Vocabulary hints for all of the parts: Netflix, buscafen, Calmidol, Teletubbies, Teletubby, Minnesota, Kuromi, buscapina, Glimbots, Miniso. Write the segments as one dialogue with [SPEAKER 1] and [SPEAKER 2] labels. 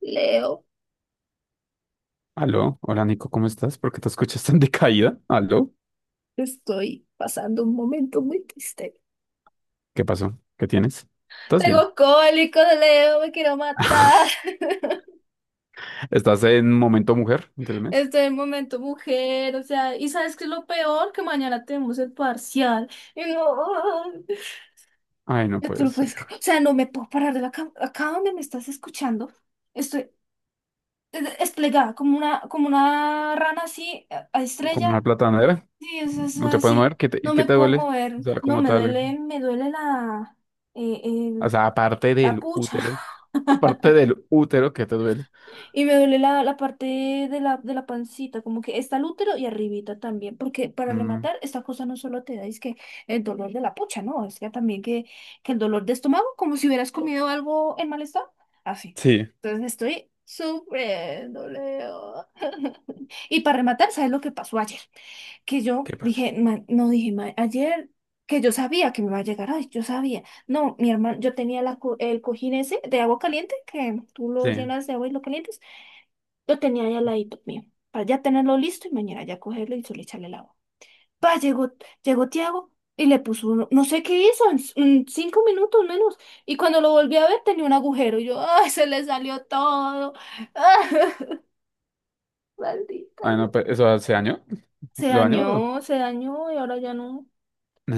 [SPEAKER 1] Leo,
[SPEAKER 2] Aló, hola Nico, ¿cómo estás? ¿Por qué te escuchas tan decaída? Aló,
[SPEAKER 1] estoy pasando un momento muy triste.
[SPEAKER 2] ¿qué pasó? ¿Qué tienes? ¿Estás bien?
[SPEAKER 1] Tengo cólico de Leo, me quiero matar.
[SPEAKER 2] ¿Estás en momento mujer del mes?
[SPEAKER 1] Estoy en momento mujer, o sea, ¿y sabes qué es lo peor? Que mañana tenemos el parcial. Y no,
[SPEAKER 2] Ay, no
[SPEAKER 1] yo tú
[SPEAKER 2] puede
[SPEAKER 1] lo puedes
[SPEAKER 2] ser.
[SPEAKER 1] creer. O sea, no me puedo parar de la cama. Acá donde me estás escuchando, estoy desplegada como una rana así, a
[SPEAKER 2] Con una
[SPEAKER 1] estrella.
[SPEAKER 2] platanera,
[SPEAKER 1] Sí, eso es
[SPEAKER 2] no te puedes mover.
[SPEAKER 1] así.
[SPEAKER 2] ¿Qué te,
[SPEAKER 1] No
[SPEAKER 2] qué
[SPEAKER 1] me
[SPEAKER 2] te
[SPEAKER 1] puedo
[SPEAKER 2] duele? O
[SPEAKER 1] mover,
[SPEAKER 2] sea,
[SPEAKER 1] no
[SPEAKER 2] como
[SPEAKER 1] me
[SPEAKER 2] tal.
[SPEAKER 1] duele, me duele eh,
[SPEAKER 2] O
[SPEAKER 1] el-
[SPEAKER 2] sea, aparte
[SPEAKER 1] la
[SPEAKER 2] del
[SPEAKER 1] pucha.
[SPEAKER 2] útero. Aparte del útero, ¿qué te duele?
[SPEAKER 1] Y me duele la parte de la pancita, como que está el útero y arribita también, porque para
[SPEAKER 2] Mm,
[SPEAKER 1] rematar, esta cosa no solo te da, es que el dolor de la pucha, ¿no? Es que también que el dolor de estómago, como si hubieras comido algo en mal estado, así.
[SPEAKER 2] sí,
[SPEAKER 1] Entonces estoy sufriendo, Leo. Y para rematar, ¿sabes lo que pasó ayer? Que yo
[SPEAKER 2] ¿qué pasa?
[SPEAKER 1] dije, "Man", no dije, "Man", ayer que yo sabía que me iba a llegar, ay, yo sabía. No, mi hermano, yo tenía el cojín ese de agua caliente, que tú lo
[SPEAKER 2] Sí.
[SPEAKER 1] llenas de agua y lo calientes. Lo tenía ahí al ladito mío, para ya tenerlo listo y mañana ya cogerlo y solo echarle el agua. Pa, llegó Tiago y le puso uno, no sé qué hizo, en cinco minutos menos. Y cuando lo volví a ver tenía un agujero y yo, ¡ay, se le salió todo! Maldita
[SPEAKER 2] Ay,
[SPEAKER 1] sea.
[SPEAKER 2] no, pues, ¿eso hace año? ¿Lo año?
[SPEAKER 1] Se dañó y ahora ya no,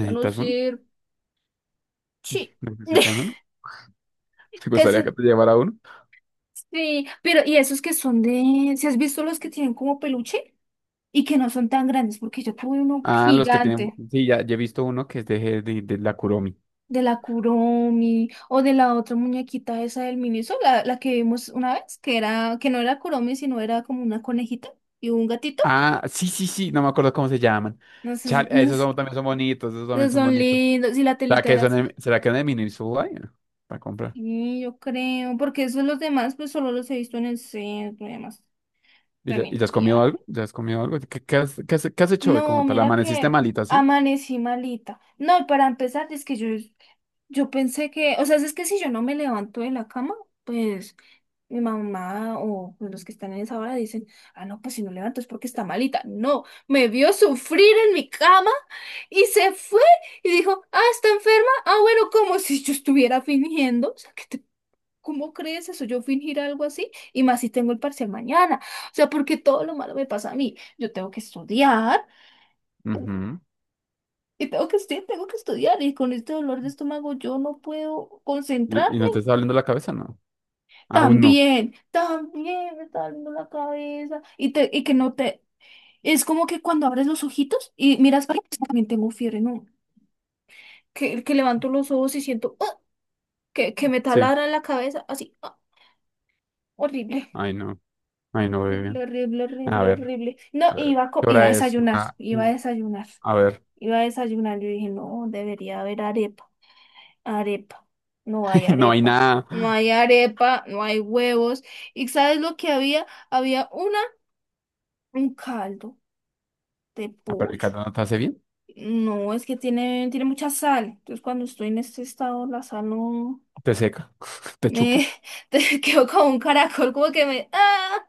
[SPEAKER 1] ya no
[SPEAKER 2] uno?
[SPEAKER 1] sirve. Sí.
[SPEAKER 2] ¿Necesitas uno? ¿Te
[SPEAKER 1] ¿Qué
[SPEAKER 2] gustaría que
[SPEAKER 1] sé?
[SPEAKER 2] te llevara uno?
[SPEAKER 1] Sí, pero y esos que son de, ¿si has visto los que tienen como peluche y que no son tan grandes? Porque yo tuve uno
[SPEAKER 2] Ah, los que tienen.
[SPEAKER 1] gigante.
[SPEAKER 2] Sí, ya he visto uno que es de la Kuromi.
[SPEAKER 1] De la Kuromi o de la otra muñequita esa del ministro, la que vimos una vez, que era, que no era Kuromi, sino era como una conejita y un gatito.
[SPEAKER 2] Ah, sí, sí, sí, no me acuerdo cómo se llaman.
[SPEAKER 1] No sé,
[SPEAKER 2] Chale,
[SPEAKER 1] no
[SPEAKER 2] esos
[SPEAKER 1] sé,
[SPEAKER 2] son- también son bonitos, esos también
[SPEAKER 1] esos
[SPEAKER 2] son
[SPEAKER 1] son
[SPEAKER 2] bonitos.
[SPEAKER 1] lindos, y la
[SPEAKER 2] ¿Será
[SPEAKER 1] telita
[SPEAKER 2] que
[SPEAKER 1] era
[SPEAKER 2] son
[SPEAKER 1] azul.
[SPEAKER 2] de, será que son de Minnesota? Para comprar.
[SPEAKER 1] Sí, yo creo, porque esos los demás, pues solo los he visto en el centro y demás.
[SPEAKER 2] ¿Y ya
[SPEAKER 1] Tremendo
[SPEAKER 2] has comido
[SPEAKER 1] viaje.
[SPEAKER 2] algo? ¿Ya has comido algo? ¿Qué has hecho hoy
[SPEAKER 1] No,
[SPEAKER 2] como tal?
[SPEAKER 1] mira
[SPEAKER 2] ¿Amaneciste
[SPEAKER 1] que
[SPEAKER 2] malita, sí?
[SPEAKER 1] amanecí malita. No, y para empezar, es que yo pensé que, o sea, si es que si yo no me levanto de la cama, pues mi mamá o pues, los que están en esa hora dicen, ah, no, pues si no levanto es porque está malita. No, me vio sufrir en mi cama y se fue y dijo, ah, está enferma. Ah, bueno, como si yo estuviera fingiendo. O sea, ¿cómo crees eso? Yo fingir algo así y más si tengo el parcial mañana. O sea, porque todo lo malo me pasa a mí. Yo tengo que estudiar.
[SPEAKER 2] Ujú.
[SPEAKER 1] Y tengo que estudiar, tengo que estudiar. Y con este dolor de estómago yo no puedo
[SPEAKER 2] ¿Y
[SPEAKER 1] concentrarme.
[SPEAKER 2] no te está doliendo la cabeza? No. Aún no.
[SPEAKER 1] También, también me está doliendo la cabeza. Y, te, y que no te, Es como que cuando abres los ojitos y miras para atrás, también tengo fiebre, ¿no? Que levanto los ojos y siento ¡ah! Que me
[SPEAKER 2] Sí.
[SPEAKER 1] taladra en la cabeza, así, ¡ah! Horrible,
[SPEAKER 2] Ay, no. Ay, no, bebé.
[SPEAKER 1] horrible, horrible,
[SPEAKER 2] A
[SPEAKER 1] horrible,
[SPEAKER 2] ver.
[SPEAKER 1] horrible. No,
[SPEAKER 2] A ver. ¿Qué
[SPEAKER 1] iba a
[SPEAKER 2] hora es?
[SPEAKER 1] desayunar, iba a desayunar,
[SPEAKER 2] A ver.
[SPEAKER 1] iba a desayunar. Yo dije, no, debería haber arepa, arepa, no hay
[SPEAKER 2] No hay
[SPEAKER 1] arepa.
[SPEAKER 2] nada.
[SPEAKER 1] No hay arepa, no hay huevos. ¿Y sabes lo que había? Había una, un caldo de
[SPEAKER 2] Ah, pero el
[SPEAKER 1] pollo.
[SPEAKER 2] caldo no te hace bien.
[SPEAKER 1] No, es que tiene, tiene mucha sal. Entonces, cuando estoy en este estado, la sal no
[SPEAKER 2] Te seca. Te chupa.
[SPEAKER 1] me te quedo como un caracol, como que me ¡ah!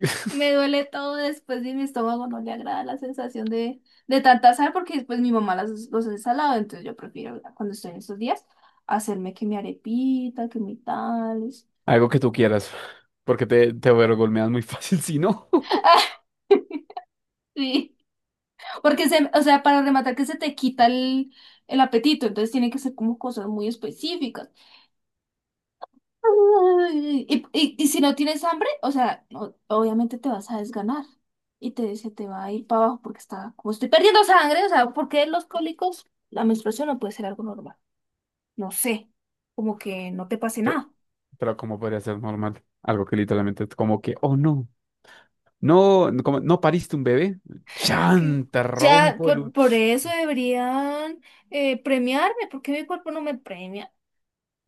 [SPEAKER 1] Me duele todo después y mi estómago no le agrada la sensación de tanta sal, porque después mi mamá las, los ensalado, entonces yo prefiero cuando estoy en estos días hacerme que mi arepita, que mi tales.
[SPEAKER 2] Algo que tú quieras, porque te overgolmeas muy fácil, si no.
[SPEAKER 1] Sí, porque se, o sea, para rematar que se te quita el apetito, entonces tiene que ser como cosas muy específicas. Ay, y si no tienes hambre, o sea, obviamente te vas a desganar y te, se te va a ir para abajo porque está, como estoy perdiendo sangre, o sea, porque los cólicos, la menstruación no puede ser algo normal. No sé, como que no te pase
[SPEAKER 2] Pero,
[SPEAKER 1] nada.
[SPEAKER 2] pero ¿cómo podría ser normal? Algo que literalmente es como que, oh no, no, no, como, ¿no pariste un bebé?
[SPEAKER 1] Y que
[SPEAKER 2] ¡Chan! Te
[SPEAKER 1] ya,
[SPEAKER 2] rompo el... u-
[SPEAKER 1] por eso deberían premiarme, porque mi cuerpo no me premia.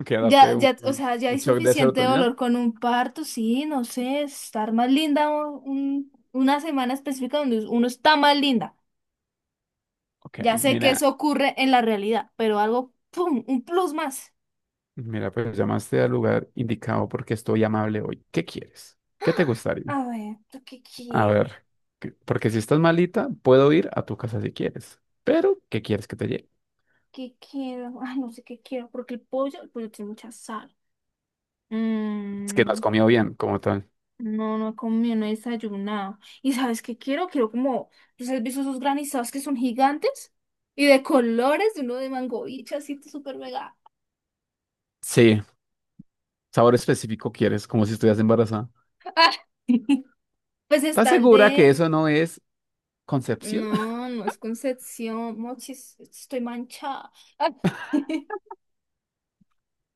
[SPEAKER 2] Que darte
[SPEAKER 1] Ya, ya, o sea, ya
[SPEAKER 2] un
[SPEAKER 1] hay
[SPEAKER 2] shock de
[SPEAKER 1] suficiente
[SPEAKER 2] serotonina.
[SPEAKER 1] dolor con un parto, sí, no sé, estar más linda una semana específica donde uno está más linda.
[SPEAKER 2] Ok,
[SPEAKER 1] Ya sé que
[SPEAKER 2] mira,
[SPEAKER 1] eso ocurre en la realidad, pero algo, ¡pum! Un plus más.
[SPEAKER 2] mira, pues llamaste al lugar indicado porque estoy amable hoy. ¿Qué quieres? ¿Qué te gustaría?
[SPEAKER 1] A ver, ¿yo ¿qué
[SPEAKER 2] A
[SPEAKER 1] quiero?
[SPEAKER 2] ver, que- porque si estás malita, puedo ir a tu casa si quieres, pero ¿qué quieres que te lleve?
[SPEAKER 1] ¿Qué quiero? Ay, no sé qué quiero, porque el pollo tiene mucha sal.
[SPEAKER 2] Es que no has
[SPEAKER 1] Mm,
[SPEAKER 2] comido bien, como tal.
[SPEAKER 1] no, no he comido, no he desayunado. ¿Y sabes qué quiero? Quiero como, ¿pues has visto esos granizados que son gigantes? Y de colores, uno de mango y así súper mega.
[SPEAKER 2] Sí. ¿Sabor específico quieres? Como si estuvieras embarazada.
[SPEAKER 1] ¡Ah! Pues
[SPEAKER 2] ¿Estás
[SPEAKER 1] está el
[SPEAKER 2] segura que
[SPEAKER 1] de...
[SPEAKER 2] eso no es concepción?
[SPEAKER 1] No, no es Concepción, mochis, estoy manchada. Ah.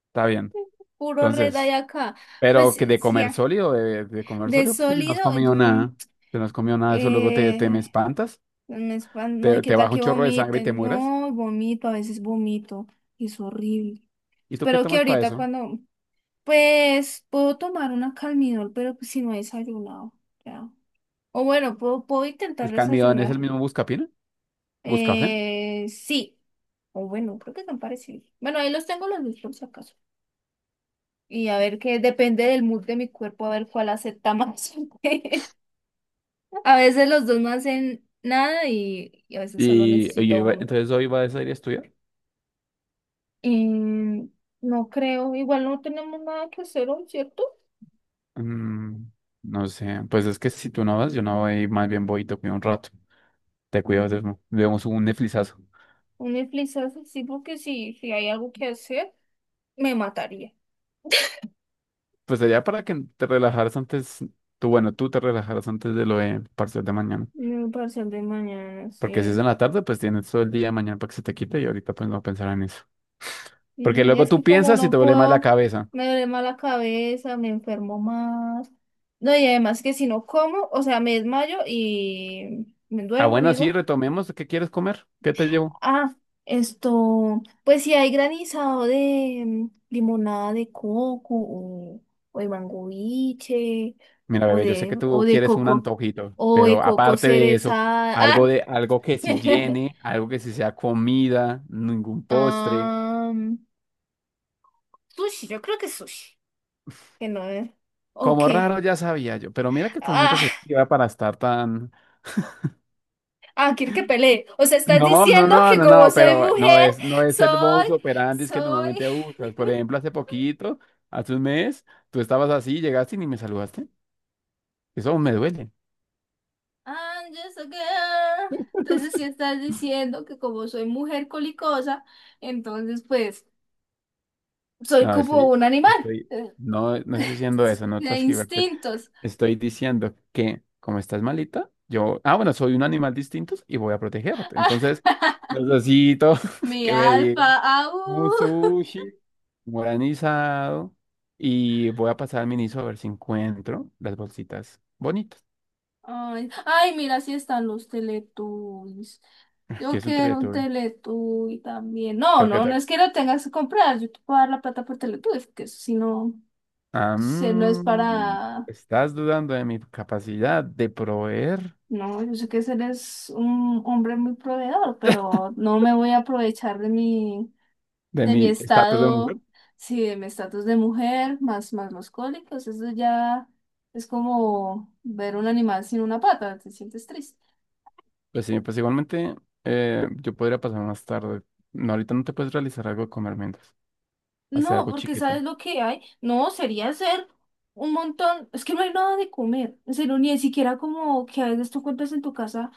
[SPEAKER 2] Está bien.
[SPEAKER 1] Puro red hay
[SPEAKER 2] Entonces,
[SPEAKER 1] acá. Pues
[SPEAKER 2] pero que de
[SPEAKER 1] sí,
[SPEAKER 2] comer
[SPEAKER 1] ah,
[SPEAKER 2] sólido, de comer
[SPEAKER 1] de
[SPEAKER 2] sólido, porque si no has
[SPEAKER 1] sólido,
[SPEAKER 2] comido
[SPEAKER 1] mm,
[SPEAKER 2] nada, si no has comido nada, eso luego te me
[SPEAKER 1] eh,
[SPEAKER 2] espantas,
[SPEAKER 1] no me espan-, no, y
[SPEAKER 2] te,
[SPEAKER 1] qué
[SPEAKER 2] te
[SPEAKER 1] tal
[SPEAKER 2] baja un
[SPEAKER 1] que
[SPEAKER 2] chorro de sangre y te
[SPEAKER 1] vomiten.
[SPEAKER 2] mueras.
[SPEAKER 1] No, vomito, a veces vomito, y es horrible.
[SPEAKER 2] ¿Y tú qué
[SPEAKER 1] Espero que
[SPEAKER 2] tomas para
[SPEAKER 1] ahorita
[SPEAKER 2] eso?
[SPEAKER 1] cuando, pues, puedo tomar una Calmidol, pero pues si no he desayunado, ya. O bueno, puedo, puedo intentar
[SPEAKER 2] ¿El cambio es el
[SPEAKER 1] desayunar.
[SPEAKER 2] mismo buscapina? Buscafen.
[SPEAKER 1] Sí. O bueno, creo que tan parecidos. Bueno, ahí los tengo los dos por si acaso. Y a ver qué depende del mood de mi cuerpo, a ver cuál acepta más. A veces los dos no hacen nada y, y a veces solo
[SPEAKER 2] Y
[SPEAKER 1] necesito
[SPEAKER 2] hoy va-
[SPEAKER 1] uno.
[SPEAKER 2] entonces hoy vas a ir a estudiar.
[SPEAKER 1] Em, no creo, igual no tenemos nada que hacer hoy, ¿cierto?
[SPEAKER 2] Mm, no sé, pues es que si tú no vas, yo no voy, más bien voy y te cuido un rato. Te cuido, vemos un Netflixazo.
[SPEAKER 1] Un Netflix sí, porque si, si hay algo que hacer, me mataría.
[SPEAKER 2] Pues sería para que te relajaras antes, tú, bueno, tú te relajaras antes de lo de parcial de mañana.
[SPEAKER 1] No, para hacer de mañana,
[SPEAKER 2] Porque si es
[SPEAKER 1] sí.
[SPEAKER 2] en la tarde, pues tienes todo el día de mañana para que se te quite y ahorita pues no pensar en eso. Porque
[SPEAKER 1] Y
[SPEAKER 2] luego
[SPEAKER 1] es
[SPEAKER 2] tú
[SPEAKER 1] que como
[SPEAKER 2] piensas y te
[SPEAKER 1] no
[SPEAKER 2] duele más la
[SPEAKER 1] puedo,
[SPEAKER 2] cabeza.
[SPEAKER 1] me duele más la cabeza, me enfermo más. No, y además que si no como, o sea, me desmayo y me
[SPEAKER 2] Ah,
[SPEAKER 1] duermo,
[SPEAKER 2] bueno, sí,
[SPEAKER 1] digo.
[SPEAKER 2] retomemos. ¿Qué quieres comer? ¿Qué te llevo?
[SPEAKER 1] Ah, esto, pues si hay granizado de mm, limonada de coco o de mango
[SPEAKER 2] Mira,
[SPEAKER 1] o
[SPEAKER 2] bebé, yo sé
[SPEAKER 1] de,
[SPEAKER 2] que
[SPEAKER 1] o
[SPEAKER 2] tú
[SPEAKER 1] de
[SPEAKER 2] quieres un
[SPEAKER 1] coco
[SPEAKER 2] antojito,
[SPEAKER 1] o de
[SPEAKER 2] pero
[SPEAKER 1] coco
[SPEAKER 2] aparte de eso, algo
[SPEAKER 1] cerezada.
[SPEAKER 2] de algo que sí llene, algo que sí sea comida, ningún postre.
[SPEAKER 1] Ah, sushi, yo creo que sushi. Que no es. ¿O
[SPEAKER 2] Como
[SPEAKER 1] qué?
[SPEAKER 2] raro ya sabía yo, pero mira que estás muy
[SPEAKER 1] Ah,
[SPEAKER 2] receptiva para estar tan
[SPEAKER 1] ah, quiero que pelee. O sea, estás
[SPEAKER 2] No, no,
[SPEAKER 1] diciendo
[SPEAKER 2] no,
[SPEAKER 1] que
[SPEAKER 2] no,
[SPEAKER 1] como
[SPEAKER 2] no,
[SPEAKER 1] soy
[SPEAKER 2] pero no
[SPEAKER 1] mujer,
[SPEAKER 2] es, no es el
[SPEAKER 1] soy,
[SPEAKER 2] modus operandi que
[SPEAKER 1] soy.
[SPEAKER 2] normalmente usas. Por ejemplo, hace poquito, hace un mes, tú estabas así, llegaste y ni me saludaste. Eso aún me duele.
[SPEAKER 1] I'm just a girl. Entonces, si estás diciendo que como soy mujer colicosa, entonces pues soy
[SPEAKER 2] No,
[SPEAKER 1] como
[SPEAKER 2] estoy,
[SPEAKER 1] un animal.
[SPEAKER 2] estoy,
[SPEAKER 1] Eh,
[SPEAKER 2] no, no estoy diciendo eso, no
[SPEAKER 1] De
[SPEAKER 2] transcribirte.
[SPEAKER 1] instintos.
[SPEAKER 2] Estoy diciendo que como estás malita, yo, ah, bueno, soy un animal distinto y voy a protegerte. Entonces, necesito
[SPEAKER 1] Mi
[SPEAKER 2] que me digas.
[SPEAKER 1] alfa,
[SPEAKER 2] Un
[SPEAKER 1] au.
[SPEAKER 2] sushi guaranizado. Y voy a pasar al Miniso a ver si encuentro las bolsitas bonitas.
[SPEAKER 1] Ay, ay, mira, si están los Teletubbies.
[SPEAKER 2] Que
[SPEAKER 1] Yo
[SPEAKER 2] es un
[SPEAKER 1] quiero un
[SPEAKER 2] Teletubby.
[SPEAKER 1] Teletubby también. No,
[SPEAKER 2] Creo que
[SPEAKER 1] no, no
[SPEAKER 2] te-
[SPEAKER 1] es que lo tengas que comprar. Yo te puedo dar la plata por Teletubbies, que eso si no,
[SPEAKER 2] Ah,
[SPEAKER 1] se no es
[SPEAKER 2] mm,
[SPEAKER 1] para.
[SPEAKER 2] ¿estás dudando de mi capacidad de proveer
[SPEAKER 1] No, yo sé que eres un hombre muy proveedor, pero no me voy a aprovechar
[SPEAKER 2] de
[SPEAKER 1] de
[SPEAKER 2] mi
[SPEAKER 1] mi
[SPEAKER 2] estatus de mujer?
[SPEAKER 1] estado, sí, de mi estatus de mujer, más, más los cólicos. Eso ya es como ver un animal sin una pata, te sientes triste.
[SPEAKER 2] Pues sí, pues igualmente yo podría pasar más tarde. No, ahorita no te puedes realizar algo de comer mientras. Hacer
[SPEAKER 1] No,
[SPEAKER 2] algo
[SPEAKER 1] porque
[SPEAKER 2] chiquito.
[SPEAKER 1] ¿sabes lo que hay? No, sería hacer un montón, es que no hay nada de comer, en serio, ni siquiera como que a veces tú encuentras en tu casa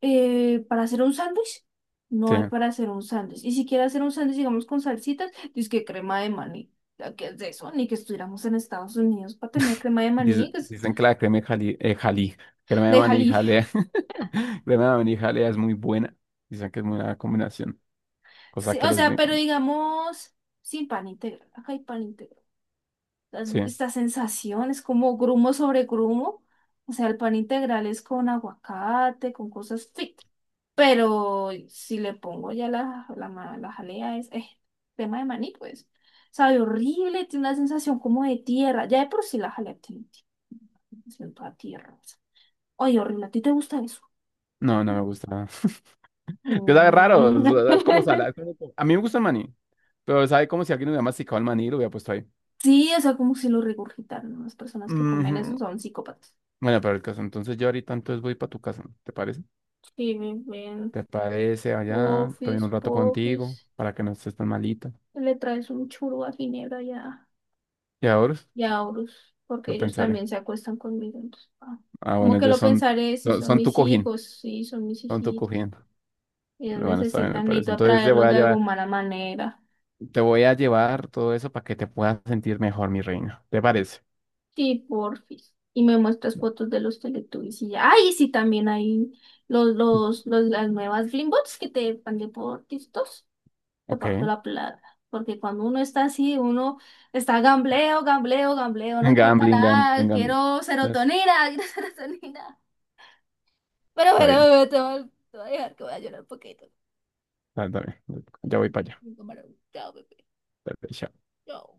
[SPEAKER 1] para hacer un sándwich, no
[SPEAKER 2] Sí.
[SPEAKER 1] hay para hacer un sándwich, y si quieres hacer un sándwich, digamos, con salsitas, dices que crema de maní, ¿ya qué es de eso? Ni que estuviéramos en Estados Unidos para tener crema de
[SPEAKER 2] Dice-
[SPEAKER 1] maní, pues,
[SPEAKER 2] dicen que la crema de jali, jalí, crema de
[SPEAKER 1] de
[SPEAKER 2] maní
[SPEAKER 1] jalí.
[SPEAKER 2] jalea, crema de maní jalea es muy buena. Dicen que es muy buena combinación, cosa
[SPEAKER 1] Sí,
[SPEAKER 2] que
[SPEAKER 1] o
[SPEAKER 2] los
[SPEAKER 1] sea, pero
[SPEAKER 2] gringos,
[SPEAKER 1] digamos, sin pan integral, acá hay pan integral.
[SPEAKER 2] sí,
[SPEAKER 1] Esta sensación, es como grumo sobre grumo. O sea, el pan integral es con aguacate, con cosas fit. Pero si le pongo ya la jalea, es tema de maní, pues. Sabe horrible, tiene una sensación como de tierra. Ya de por sí la jalea tiene sensación toda tierra. Oye, horrible, ¿a ti te gusta eso?
[SPEAKER 2] no, no me gusta. Que sabe raro,
[SPEAKER 1] Mm.
[SPEAKER 2] o sea, es como salada. Es como- A mí me gusta el maní, pero sabe como si alguien hubiera masticado el maní y lo hubiera puesto ahí.
[SPEAKER 1] Sí, o sea, como si lo regurgitaran, ¿no? Las personas que comen eso
[SPEAKER 2] Ujú.
[SPEAKER 1] son psicópatas.
[SPEAKER 2] Bueno, pero el caso, entonces yo ahorita entonces voy para tu casa, ¿te parece?
[SPEAKER 1] Sí, ven,
[SPEAKER 2] ¿Te parece allá? Estoy
[SPEAKER 1] pofis,
[SPEAKER 2] un rato
[SPEAKER 1] pofis.
[SPEAKER 2] contigo para que no estés tan malita.
[SPEAKER 1] Le traes un churro a Ginebra
[SPEAKER 2] Y ahora
[SPEAKER 1] y a Horus, porque
[SPEAKER 2] lo
[SPEAKER 1] ellos
[SPEAKER 2] pensaré.
[SPEAKER 1] también se acuestan conmigo. Entonces, ah,
[SPEAKER 2] Ah,
[SPEAKER 1] como
[SPEAKER 2] bueno,
[SPEAKER 1] que
[SPEAKER 2] ellos
[SPEAKER 1] lo
[SPEAKER 2] son,
[SPEAKER 1] pensaré, si
[SPEAKER 2] son
[SPEAKER 1] son
[SPEAKER 2] son tu
[SPEAKER 1] mis
[SPEAKER 2] cojín,
[SPEAKER 1] hijos, sí, son mis
[SPEAKER 2] son tu
[SPEAKER 1] hijitos.
[SPEAKER 2] cojín.
[SPEAKER 1] Ellos
[SPEAKER 2] Bueno, está bien, me
[SPEAKER 1] necesitan,
[SPEAKER 2] parece.
[SPEAKER 1] necesito
[SPEAKER 2] Entonces te voy
[SPEAKER 1] atraerlos
[SPEAKER 2] a
[SPEAKER 1] de
[SPEAKER 2] llevar,
[SPEAKER 1] alguna manera.
[SPEAKER 2] te voy a llevar todo eso para que te puedas sentir mejor, mi reina. ¿Te parece?
[SPEAKER 1] Sí, porfis. Y me muestras fotos de los Teletubbies y ya. ¡Ay! Sí, también hay las nuevas Glimbots que te van de por TikTok. Le paso
[SPEAKER 2] Ok.
[SPEAKER 1] la plata. Porque cuando uno está así, uno está gambleo, gambleo, gambleo, no importa
[SPEAKER 2] Gambling, gambling,
[SPEAKER 1] nada,
[SPEAKER 2] gambling.
[SPEAKER 1] quiero
[SPEAKER 2] Es-
[SPEAKER 1] serotonina, quiero serotonina. Pero
[SPEAKER 2] Está
[SPEAKER 1] bueno,
[SPEAKER 2] bien,
[SPEAKER 1] bebé, te voy a, te voy a dejar que voy a llorar un poquito.
[SPEAKER 2] está, está bien. Ya voy para allá.
[SPEAKER 1] Chao, bebé.
[SPEAKER 2] Dale, chao.
[SPEAKER 1] Chao.